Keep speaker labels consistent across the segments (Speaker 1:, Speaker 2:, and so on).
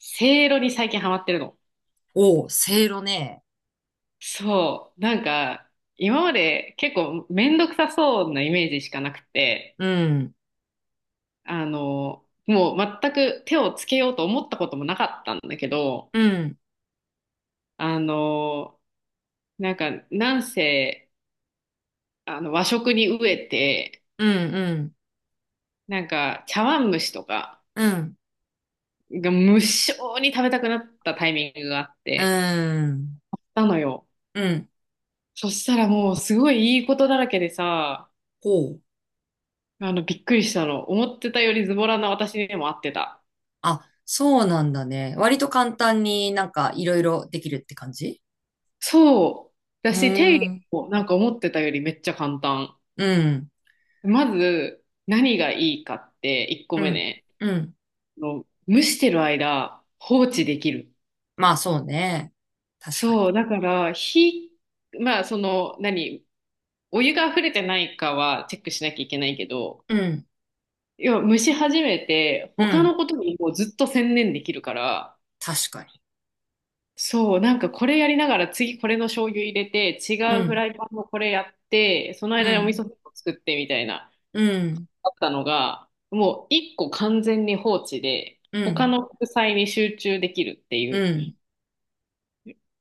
Speaker 1: せいろに最近ハマってるの。
Speaker 2: おう、せいろね。
Speaker 1: そう。なんか、今まで結構めんどくさそうなイメージしかなくて、
Speaker 2: うん、
Speaker 1: もう全く手をつけようと思ったこともなかったんだけど、
Speaker 2: うん、
Speaker 1: あの、なんか、なんせ、和食に飢えて、
Speaker 2: うん、うん、
Speaker 1: なんか、茶碗蒸しとか
Speaker 2: うん、
Speaker 1: が無性に食べたくなったタイミングがあっ
Speaker 2: う
Speaker 1: て、
Speaker 2: ん、
Speaker 1: なのよ。
Speaker 2: うん。
Speaker 1: そしたらもうすごいいいことだらけでさ、
Speaker 2: ほう。
Speaker 1: びっくりしたの。思ってたよりズボラな私にも合ってた。
Speaker 2: あ、そうなんだね。割と簡単になんかいろいろできるって感じ。
Speaker 1: そう。だ
Speaker 2: うー
Speaker 1: し、手入れ
Speaker 2: ん、
Speaker 1: もなんか思ってたよりめっちゃ簡単。
Speaker 2: うん、
Speaker 1: まず、何がいいかって、1個
Speaker 2: う
Speaker 1: 目
Speaker 2: ん、
Speaker 1: ね。
Speaker 2: うん。
Speaker 1: 蒸してる間、放置できる。
Speaker 2: まあそうね。確かに。
Speaker 1: そう。だから、火、まあ、お湯が溢れてないかはチェックしなきゃいけないけど、
Speaker 2: うん、
Speaker 1: 要は蒸し始めて、
Speaker 2: う
Speaker 1: 他
Speaker 2: ん、
Speaker 1: のことにもうずっと専念できるから、
Speaker 2: 確かに。
Speaker 1: そう、なんかこれやりながら次これの醤油入れて、違
Speaker 2: う
Speaker 1: うフラ
Speaker 2: ん、
Speaker 1: イパンもこれやって、その
Speaker 2: う
Speaker 1: 間にお味
Speaker 2: ん、
Speaker 1: 噌汁を作ってみたいな、
Speaker 2: うん、
Speaker 1: あったのが、もう一個完全に放置で、
Speaker 2: う
Speaker 1: 他
Speaker 2: ん、
Speaker 1: の副菜に集中できるっていう
Speaker 2: うん、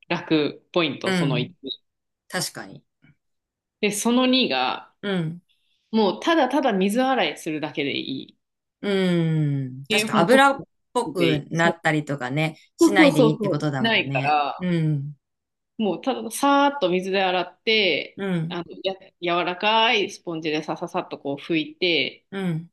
Speaker 1: 楽ポイン
Speaker 2: う
Speaker 1: ト、その
Speaker 2: ん。
Speaker 1: 1。
Speaker 2: 確かに。
Speaker 1: で、その2が、
Speaker 2: うん。
Speaker 1: もうただただ水洗いするだけでいい。
Speaker 2: うん。確
Speaker 1: で、
Speaker 2: か
Speaker 1: もうポッ
Speaker 2: 油っぽ
Speaker 1: プでい
Speaker 2: く
Speaker 1: い。
Speaker 2: な
Speaker 1: そ
Speaker 2: っ
Speaker 1: う。
Speaker 2: たりとかね、し
Speaker 1: そう
Speaker 2: な
Speaker 1: そう
Speaker 2: いで
Speaker 1: そ
Speaker 2: いい
Speaker 1: う
Speaker 2: って
Speaker 1: そ
Speaker 2: こ
Speaker 1: う。
Speaker 2: とだ
Speaker 1: な
Speaker 2: もん
Speaker 1: いか
Speaker 2: ね。
Speaker 1: ら、
Speaker 2: うん。
Speaker 1: もうたださーっと水で洗って、
Speaker 2: う
Speaker 1: あ
Speaker 2: ん。
Speaker 1: の、や、柔らかいスポンジでさささっとこう拭いて、
Speaker 2: うん。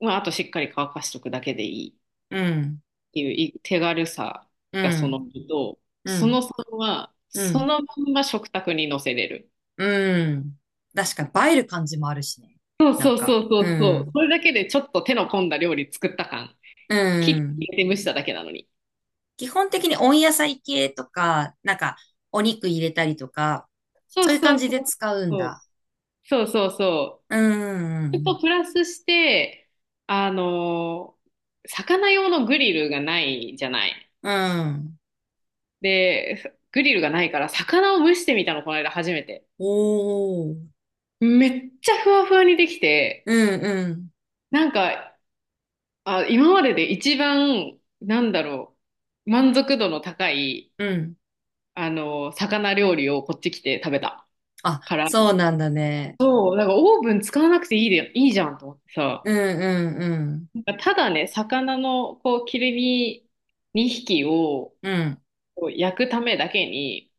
Speaker 1: まあ、あとしっかり乾かしとくだけでいいっ
Speaker 2: うん。
Speaker 1: ていうい手軽さ
Speaker 2: う
Speaker 1: がその
Speaker 2: ん。
Speaker 1: 2と、
Speaker 2: う
Speaker 1: その
Speaker 2: ん。
Speaker 1: さんは、
Speaker 2: う
Speaker 1: そ
Speaker 2: ん。
Speaker 1: のまんま食卓に乗せれる。
Speaker 2: うん。確かに映える感じもあるしね。
Speaker 1: そう
Speaker 2: な
Speaker 1: そ
Speaker 2: ん
Speaker 1: うそ
Speaker 2: か。
Speaker 1: うそ
Speaker 2: う
Speaker 1: うそう。
Speaker 2: ん。
Speaker 1: それだけでちょっと手の込んだ料理作った感。
Speaker 2: う
Speaker 1: 切って
Speaker 2: ん。
Speaker 1: 入れて蒸しただけなのに。
Speaker 2: 基本的に温野菜系とか、なんか、お肉入れたりとか、
Speaker 1: そう
Speaker 2: そういう
Speaker 1: そう
Speaker 2: 感
Speaker 1: そ
Speaker 2: じで
Speaker 1: う。
Speaker 2: 使うんだ。
Speaker 1: そうそうそうそう。
Speaker 2: うん。う
Speaker 1: それ
Speaker 2: ん
Speaker 1: とプラスして、あの、魚用のグリルがないじゃない。
Speaker 2: うん。うん。
Speaker 1: で、グリルがないから魚を蒸してみたの、この間初めて。
Speaker 2: おー。
Speaker 1: めっちゃふわふわにできて、
Speaker 2: うんうん。
Speaker 1: なんか、あ、今までで一番、なんだろう、満足度の高い、
Speaker 2: うん。
Speaker 1: 魚料理をこっち来て食べた
Speaker 2: あ、
Speaker 1: から、
Speaker 2: そうなんだね。
Speaker 1: そう、なんかオーブン使わなくていいで、いいじゃんと思って
Speaker 2: う
Speaker 1: さ、
Speaker 2: んうんうん。
Speaker 1: なんかただね、魚のこう切り身2匹を、
Speaker 2: うん
Speaker 1: こう焼くためだけに、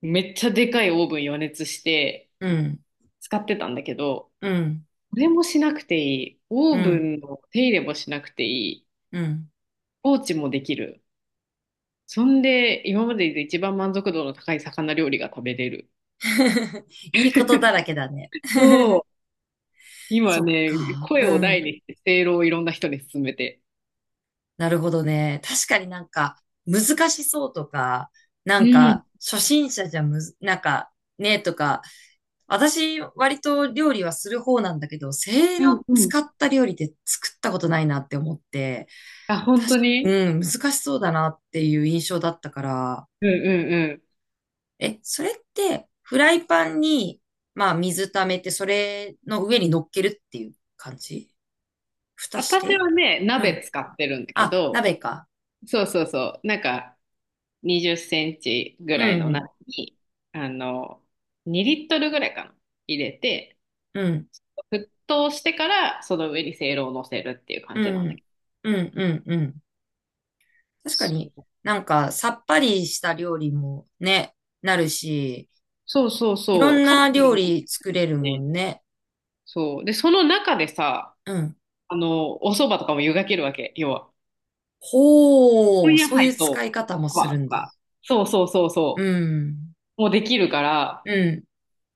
Speaker 1: めっちゃでかいオーブン予熱して
Speaker 2: うん
Speaker 1: 使ってたんだけど、
Speaker 2: うん
Speaker 1: これもしなくていい。オ
Speaker 2: う
Speaker 1: ーブ
Speaker 2: ん。
Speaker 1: ンの手入れもしなくていい。
Speaker 2: うん。
Speaker 1: 放置もできる。そんで、今までで一番満足度の高い魚料理が食べれる。
Speaker 2: いいことだらけだね。
Speaker 1: そ う。今
Speaker 2: そっ
Speaker 1: ね、
Speaker 2: か。
Speaker 1: 声
Speaker 2: う
Speaker 1: を大
Speaker 2: ん。
Speaker 1: にして、せいろをいろんな人に勧めて。
Speaker 2: なるほどね。確かになんか難しそうとか、な
Speaker 1: う
Speaker 2: ん
Speaker 1: ん。
Speaker 2: か初心者じゃむず、なんかねとか、私割と料理はする方なんだけど、せい
Speaker 1: うん
Speaker 2: ろ
Speaker 1: うん。
Speaker 2: 使った料理って作ったことないなって思って、
Speaker 1: あ、本
Speaker 2: 確
Speaker 1: 当
Speaker 2: か、
Speaker 1: に。
Speaker 2: うん、難しそうだなっていう印象だったから、
Speaker 1: うんうんうん。
Speaker 2: え、それって、フライパンに、まあ、水溜めて、それの上に乗っけるっていう感じ、蓋し
Speaker 1: 私
Speaker 2: て。
Speaker 1: はね、
Speaker 2: う
Speaker 1: 鍋
Speaker 2: ん。
Speaker 1: 使ってるんだけ
Speaker 2: あ、
Speaker 1: ど、
Speaker 2: 鍋か。
Speaker 1: そうそうそう。なんか、20センチぐ
Speaker 2: う
Speaker 1: らいの
Speaker 2: ん、
Speaker 1: 中に、あの、2リットルぐらいかな、入れて、
Speaker 2: うん、
Speaker 1: 沸騰してから、その上にせいろを乗せるっていう感
Speaker 2: う
Speaker 1: じなんだ
Speaker 2: ん、
Speaker 1: けど。
Speaker 2: うん、うん、うん。確かに、なんか、さっぱりした料理もね、なるし、
Speaker 1: そうそうそ
Speaker 2: いろ
Speaker 1: うそう、
Speaker 2: ん
Speaker 1: カロ
Speaker 2: な料
Speaker 1: リーも
Speaker 2: 理作れる
Speaker 1: 高
Speaker 2: も
Speaker 1: いし。
Speaker 2: んね。
Speaker 1: そう。で、その中でさ、
Speaker 2: うん。
Speaker 1: お蕎麦とかも湯がけるわけ、要は。
Speaker 2: ほ
Speaker 1: 温
Speaker 2: う、
Speaker 1: 野
Speaker 2: そういう
Speaker 1: 菜と、
Speaker 2: 使い方も
Speaker 1: ま
Speaker 2: する
Speaker 1: あ、
Speaker 2: ん
Speaker 1: ま
Speaker 2: だ。
Speaker 1: あ、そうそうそう
Speaker 2: う
Speaker 1: そ
Speaker 2: ん、
Speaker 1: う、もうできるから、
Speaker 2: うん。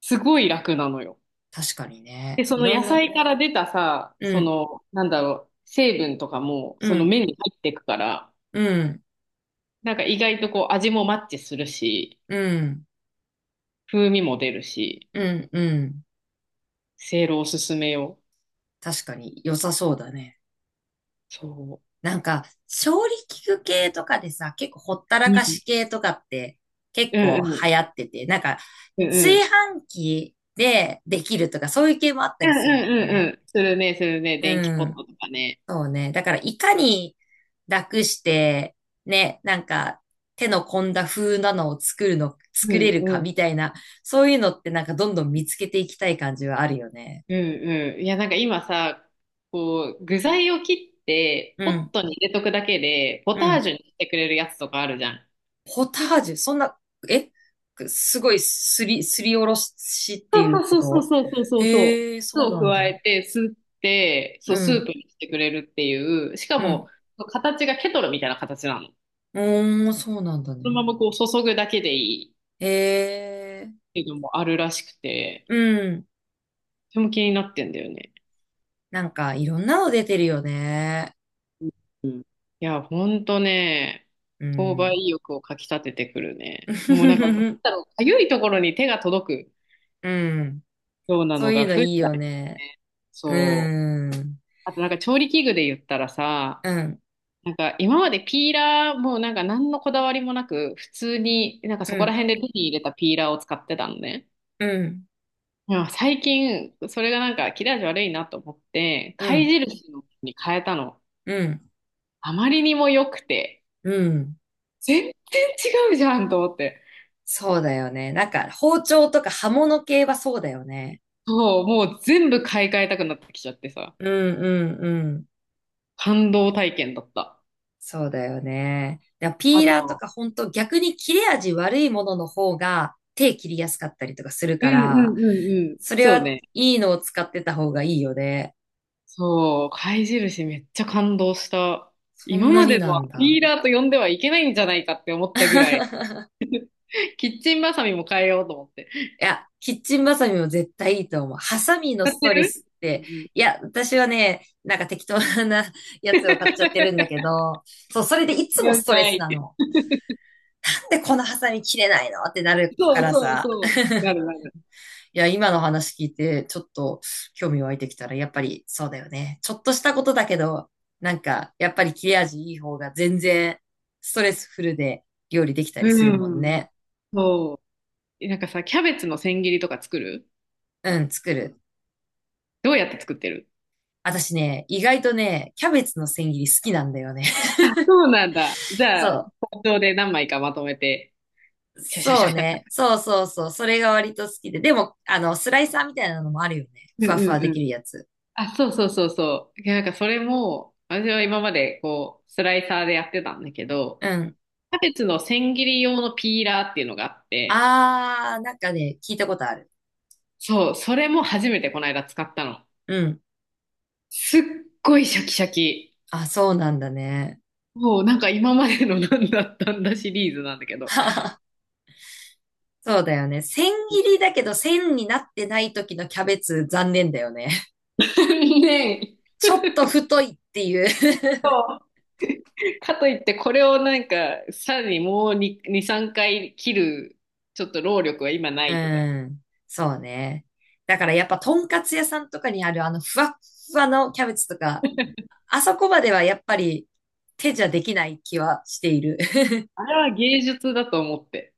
Speaker 1: すごい楽なのよ。
Speaker 2: 確かに
Speaker 1: で、
Speaker 2: ね。
Speaker 1: そ
Speaker 2: い
Speaker 1: の
Speaker 2: ろ
Speaker 1: 野
Speaker 2: んな、
Speaker 1: 菜から出たさ、
Speaker 2: う
Speaker 1: そ
Speaker 2: ん、
Speaker 1: の、なんだろう、成分とかも、
Speaker 2: う
Speaker 1: その
Speaker 2: ん、
Speaker 1: 麺に入っていくから、
Speaker 2: うん。
Speaker 1: なんか意外とこう味もマッチするし、
Speaker 2: うん、
Speaker 1: 風味も出るし、
Speaker 2: うん、うん。
Speaker 1: せいろおすすめよ。
Speaker 2: 確かに良さそうだね。
Speaker 1: そ
Speaker 2: なんか、調理器具系とかでさ、結構ほった
Speaker 1: う。
Speaker 2: ら
Speaker 1: う
Speaker 2: か
Speaker 1: ん。
Speaker 2: し系とかって結
Speaker 1: うん
Speaker 2: 構
Speaker 1: う
Speaker 2: 流
Speaker 1: ん。
Speaker 2: 行ってて、なんか、
Speaker 1: うんう
Speaker 2: 炊
Speaker 1: ん。
Speaker 2: 飯器でできるとかそういう系もあった
Speaker 1: う
Speaker 2: り
Speaker 1: ん
Speaker 2: する。
Speaker 1: うんうんうん。するね、するね。電気
Speaker 2: う
Speaker 1: ポッ
Speaker 2: ん。
Speaker 1: トとかね。
Speaker 2: そうね。だから、いかに楽して、ね、なんか、手の込んだ風なのを作るの、
Speaker 1: う
Speaker 2: 作れ
Speaker 1: ん
Speaker 2: る
Speaker 1: う
Speaker 2: か
Speaker 1: ん。
Speaker 2: みたいな、そういうのってなんかどんどん見つけていきたい感じはあるよね。
Speaker 1: うんうん。いや、なんか今さ、こう、具材を切って、
Speaker 2: う
Speaker 1: ポッ
Speaker 2: ん、
Speaker 1: トに入れとくだけで、ポ
Speaker 2: う
Speaker 1: ター
Speaker 2: ん。
Speaker 1: ジュにしてくれるやつとかあるじゃん。
Speaker 2: ポタージュ、そんな、え、すごいすりおろしっていう
Speaker 1: そう
Speaker 2: こ
Speaker 1: そうそう
Speaker 2: と。
Speaker 1: そうそうそう。
Speaker 2: ええー、
Speaker 1: 酢
Speaker 2: そう
Speaker 1: を
Speaker 2: なん
Speaker 1: 加
Speaker 2: だ。
Speaker 1: えて、すって、
Speaker 2: う
Speaker 1: そう、スープ
Speaker 2: ん、
Speaker 1: にしてくれるっていう、しか
Speaker 2: う
Speaker 1: も、
Speaker 2: ん。
Speaker 1: 形がケトルみたいな形なの。
Speaker 2: おー、そうなんだ
Speaker 1: そ
Speaker 2: ね。
Speaker 1: のままこう注ぐだけでいいっ
Speaker 2: ええ
Speaker 1: ていうのもあるらしくて、
Speaker 2: ー、うん。
Speaker 1: とても気になってんだよね。
Speaker 2: なんか、いろんなの出てるよね。
Speaker 1: うん。いや、ほんとね、
Speaker 2: う
Speaker 1: 購買
Speaker 2: ん。
Speaker 1: 意欲をかき立ててくるね。もうなんか、なん だろう、かゆいところに手が届
Speaker 2: うん。
Speaker 1: くような
Speaker 2: そ
Speaker 1: の
Speaker 2: うい
Speaker 1: が
Speaker 2: うの
Speaker 1: 増え
Speaker 2: いい
Speaker 1: たよ
Speaker 2: よね。
Speaker 1: ね。そう。
Speaker 2: うん。
Speaker 1: あとなんか調理器具で言ったらさ、
Speaker 2: うん。
Speaker 1: なんか今までピーラーもなんか何のこだわりもなく普通になんか
Speaker 2: う
Speaker 1: そこら
Speaker 2: ん。
Speaker 1: 辺で手に入れたピーラーを使ってたのね。
Speaker 2: うん。
Speaker 1: でも最近それがなんか切れ味悪いなと思って
Speaker 2: う
Speaker 1: 貝
Speaker 2: ん。
Speaker 1: 印のに変えたの。
Speaker 2: うん。
Speaker 1: あまりにも良くて
Speaker 2: うん。
Speaker 1: 全然違うじゃんと思って。
Speaker 2: そうだよね。なんか、包丁とか刃物系はそうだよね。
Speaker 1: そう、もう全部買い替えたくなってきちゃってさ。
Speaker 2: うんうんうん。
Speaker 1: 感動体験だった。
Speaker 2: そうだよね。だから
Speaker 1: あ
Speaker 2: ピーラーと
Speaker 1: と、
Speaker 2: か本当逆に切れ味悪いものの方が手切りやすかったりとかする
Speaker 1: う
Speaker 2: か
Speaker 1: んう
Speaker 2: ら、
Speaker 1: んうんうん。
Speaker 2: それ
Speaker 1: そう
Speaker 2: は
Speaker 1: ね。
Speaker 2: いいのを使ってた方がいいよね。
Speaker 1: そう、貝印めっちゃ感動した。
Speaker 2: そん
Speaker 1: 今
Speaker 2: な
Speaker 1: ま
Speaker 2: に
Speaker 1: での
Speaker 2: な
Speaker 1: は
Speaker 2: んだ。
Speaker 1: ピーラーと呼んではいけないんじゃないかって思ったぐらい、キッチンバサミも変えようと思って。知っ
Speaker 2: いや、キッチンバサミも絶対いいと思う。ハサミのス
Speaker 1: て
Speaker 2: トレ
Speaker 1: る？
Speaker 2: スっ
Speaker 1: うん
Speaker 2: て、
Speaker 1: う
Speaker 2: い
Speaker 1: ん。
Speaker 2: や、私はね、なんか適当なやつを買っちゃってるんだけど、そう、それでいつも
Speaker 1: 了
Speaker 2: ストレスな
Speaker 1: 解。
Speaker 2: の。なんでこのハサミ切れないのってなるか
Speaker 1: そう
Speaker 2: ら
Speaker 1: そう
Speaker 2: さ。
Speaker 1: そう。なるなる。
Speaker 2: いや、今の話聞いて、ちょっと興味湧いてきたら、やっぱりそうだよね。ちょっとしたことだけど、なんか、やっぱり切れ味いい方が全然ストレスフルで料理できたりする
Speaker 1: う
Speaker 2: もん
Speaker 1: ん。
Speaker 2: ね。
Speaker 1: そう。なんかさ、キャベツの千切りとか作る？
Speaker 2: うん、作る。
Speaker 1: どうやって作ってる？
Speaker 2: 私ね、意外とね、キャベツの千切り好きなんだよね。
Speaker 1: そうなんだ。じ ゃあ、
Speaker 2: そ
Speaker 1: 包丁で何枚かまとめて、
Speaker 2: う。
Speaker 1: シャシャシ
Speaker 2: そ
Speaker 1: ャ
Speaker 2: う
Speaker 1: シャシ
Speaker 2: ね。
Speaker 1: ャ。
Speaker 2: そうそうそう。それが割と好きで。でも、あの、スライサーみたいなのもあるよね。
Speaker 1: うん
Speaker 2: ふわふわで
Speaker 1: う
Speaker 2: き
Speaker 1: ん。
Speaker 2: るやつ。
Speaker 1: あ、そうそうそうそう。いや、なんかそれも、私は今までこう、スライサーでやってたんだけど、
Speaker 2: うん。
Speaker 1: キャベツの千切り用のピーラーっていうのがあって、
Speaker 2: あー、なんかね、聞いたことある。
Speaker 1: そう、それも初めてこの間使ったの。
Speaker 2: うん。
Speaker 1: すっごいシャキシャキ。
Speaker 2: あ、そうなんだね。
Speaker 1: もうなんか今までのなんだったんだシリーズなんだけど。
Speaker 2: そうだよね。千切りだけど千になってない時のキャベツ残念だよね。
Speaker 1: ねえ。
Speaker 2: ちょっと太いっていう。
Speaker 1: かといってこれをなんか、さらにもう2、2、3回切る、ちょっと労力は今 な
Speaker 2: う
Speaker 1: いとか。
Speaker 2: ん。そうね。だからやっぱとんかつ屋さんとかにあるあのふわっふわのキャベツとか、あそこまではやっぱり手じゃできない気はしている。
Speaker 1: あれは芸術だと思って。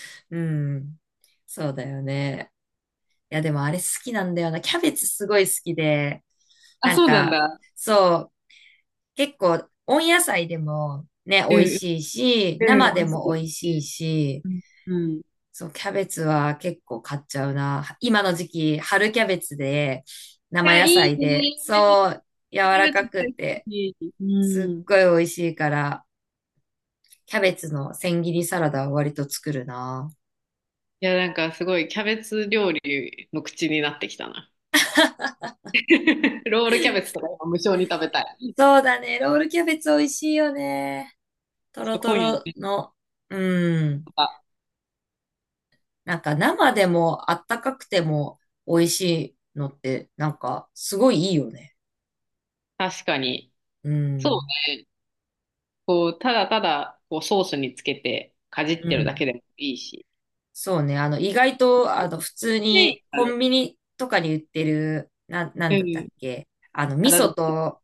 Speaker 2: うん。そうだよね。いやでもあれ好きなんだよな。キャベツすごい好きで。
Speaker 1: あ、
Speaker 2: なん
Speaker 1: そうなん
Speaker 2: か、
Speaker 1: だ。
Speaker 2: そう、結構、温野菜でもね、
Speaker 1: う
Speaker 2: 美味
Speaker 1: ん
Speaker 2: しいし、
Speaker 1: う
Speaker 2: 生
Speaker 1: ん、美
Speaker 2: で
Speaker 1: 味し
Speaker 2: も美味し
Speaker 1: い
Speaker 2: い
Speaker 1: よ
Speaker 2: し、
Speaker 1: ね。うん。うん。い
Speaker 2: そう、キャベツは結構買っちゃうな。今の時期、春キャベツで、生
Speaker 1: や、
Speaker 2: 野
Speaker 1: いい
Speaker 2: 菜で、
Speaker 1: ね。
Speaker 2: そう、柔
Speaker 1: キャ
Speaker 2: ら
Speaker 1: ベ
Speaker 2: か
Speaker 1: ツ
Speaker 2: くっ
Speaker 1: 大好
Speaker 2: て、
Speaker 1: き。う
Speaker 2: すっ
Speaker 1: ん。い
Speaker 2: ごい美味しいから、キャベツの千切りサラダは割と作るな。
Speaker 1: や、なんかすごいキャベツ料理の口になってきたな。ロールキャベツとか今無償に食べたい。ちょ
Speaker 2: そうだね、ロールキャベツ美味しいよね。ト
Speaker 1: っ
Speaker 2: ロ
Speaker 1: と
Speaker 2: ト
Speaker 1: 今夜
Speaker 2: ロ
Speaker 1: ね、
Speaker 2: の、うん。
Speaker 1: とか、
Speaker 2: なんか生でもあったかくても美味しいのってなんかすごいいいよね。
Speaker 1: 確かに。
Speaker 2: う
Speaker 1: そう
Speaker 2: ん。
Speaker 1: ね。こう、ただただ、こう、ソースにつけて、かじっ
Speaker 2: う
Speaker 1: てるだ
Speaker 2: ん。
Speaker 1: けでもいいし。
Speaker 2: そうね。あの意外とあの普通にコ
Speaker 1: ね
Speaker 2: ンビニとかに売ってる、なん
Speaker 1: え。う
Speaker 2: だったっ
Speaker 1: ん。
Speaker 2: け。あの味
Speaker 1: 体だっ
Speaker 2: 噌
Speaker 1: た。
Speaker 2: と、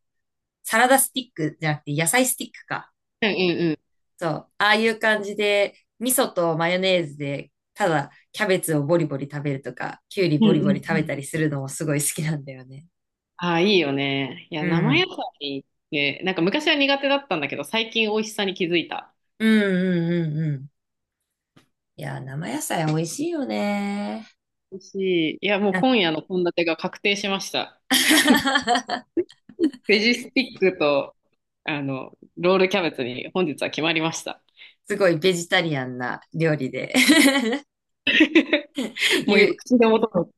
Speaker 2: サラダスティックじゃなくて野菜スティックか。
Speaker 1: うんうん
Speaker 2: そう。ああいう感じで味噌とマヨネーズでただキャベツをボリボリ食べるとか、キュウリ
Speaker 1: うん。う
Speaker 2: ボリ
Speaker 1: ん
Speaker 2: ボ
Speaker 1: う
Speaker 2: リ
Speaker 1: ん
Speaker 2: 食
Speaker 1: う
Speaker 2: べ
Speaker 1: ん。
Speaker 2: たりするのもすごい好きなんだよね。
Speaker 1: ああ、いいよね。いや、
Speaker 2: う
Speaker 1: 生野
Speaker 2: ん。
Speaker 1: 菜って、なんか昔は苦手だったんだけど、最近美味しさに気づいた。
Speaker 2: うんうんうんうん。いや、生野菜美味しいよね。
Speaker 1: 美味しい。いや、もう
Speaker 2: なん か
Speaker 1: 今夜の献立が確定しました。ベジスティックと、ロールキャベツに本日は決まりました。
Speaker 2: すごいベジタリアンな料理で
Speaker 1: もう
Speaker 2: 言
Speaker 1: 今、
Speaker 2: う。
Speaker 1: 口でもとも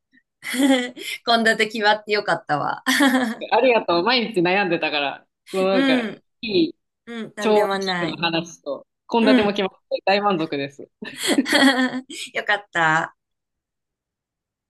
Speaker 2: 献立決まってよかったわ。
Speaker 1: てありがとう。毎日悩んでたから、もうなんか、
Speaker 2: うん、
Speaker 1: いい
Speaker 2: うん、なんで
Speaker 1: 調
Speaker 2: も
Speaker 1: 理器具
Speaker 2: な
Speaker 1: の
Speaker 2: い。
Speaker 1: 話と、献
Speaker 2: う
Speaker 1: 立も
Speaker 2: ん。
Speaker 1: 決まって大満足です。
Speaker 2: よかった。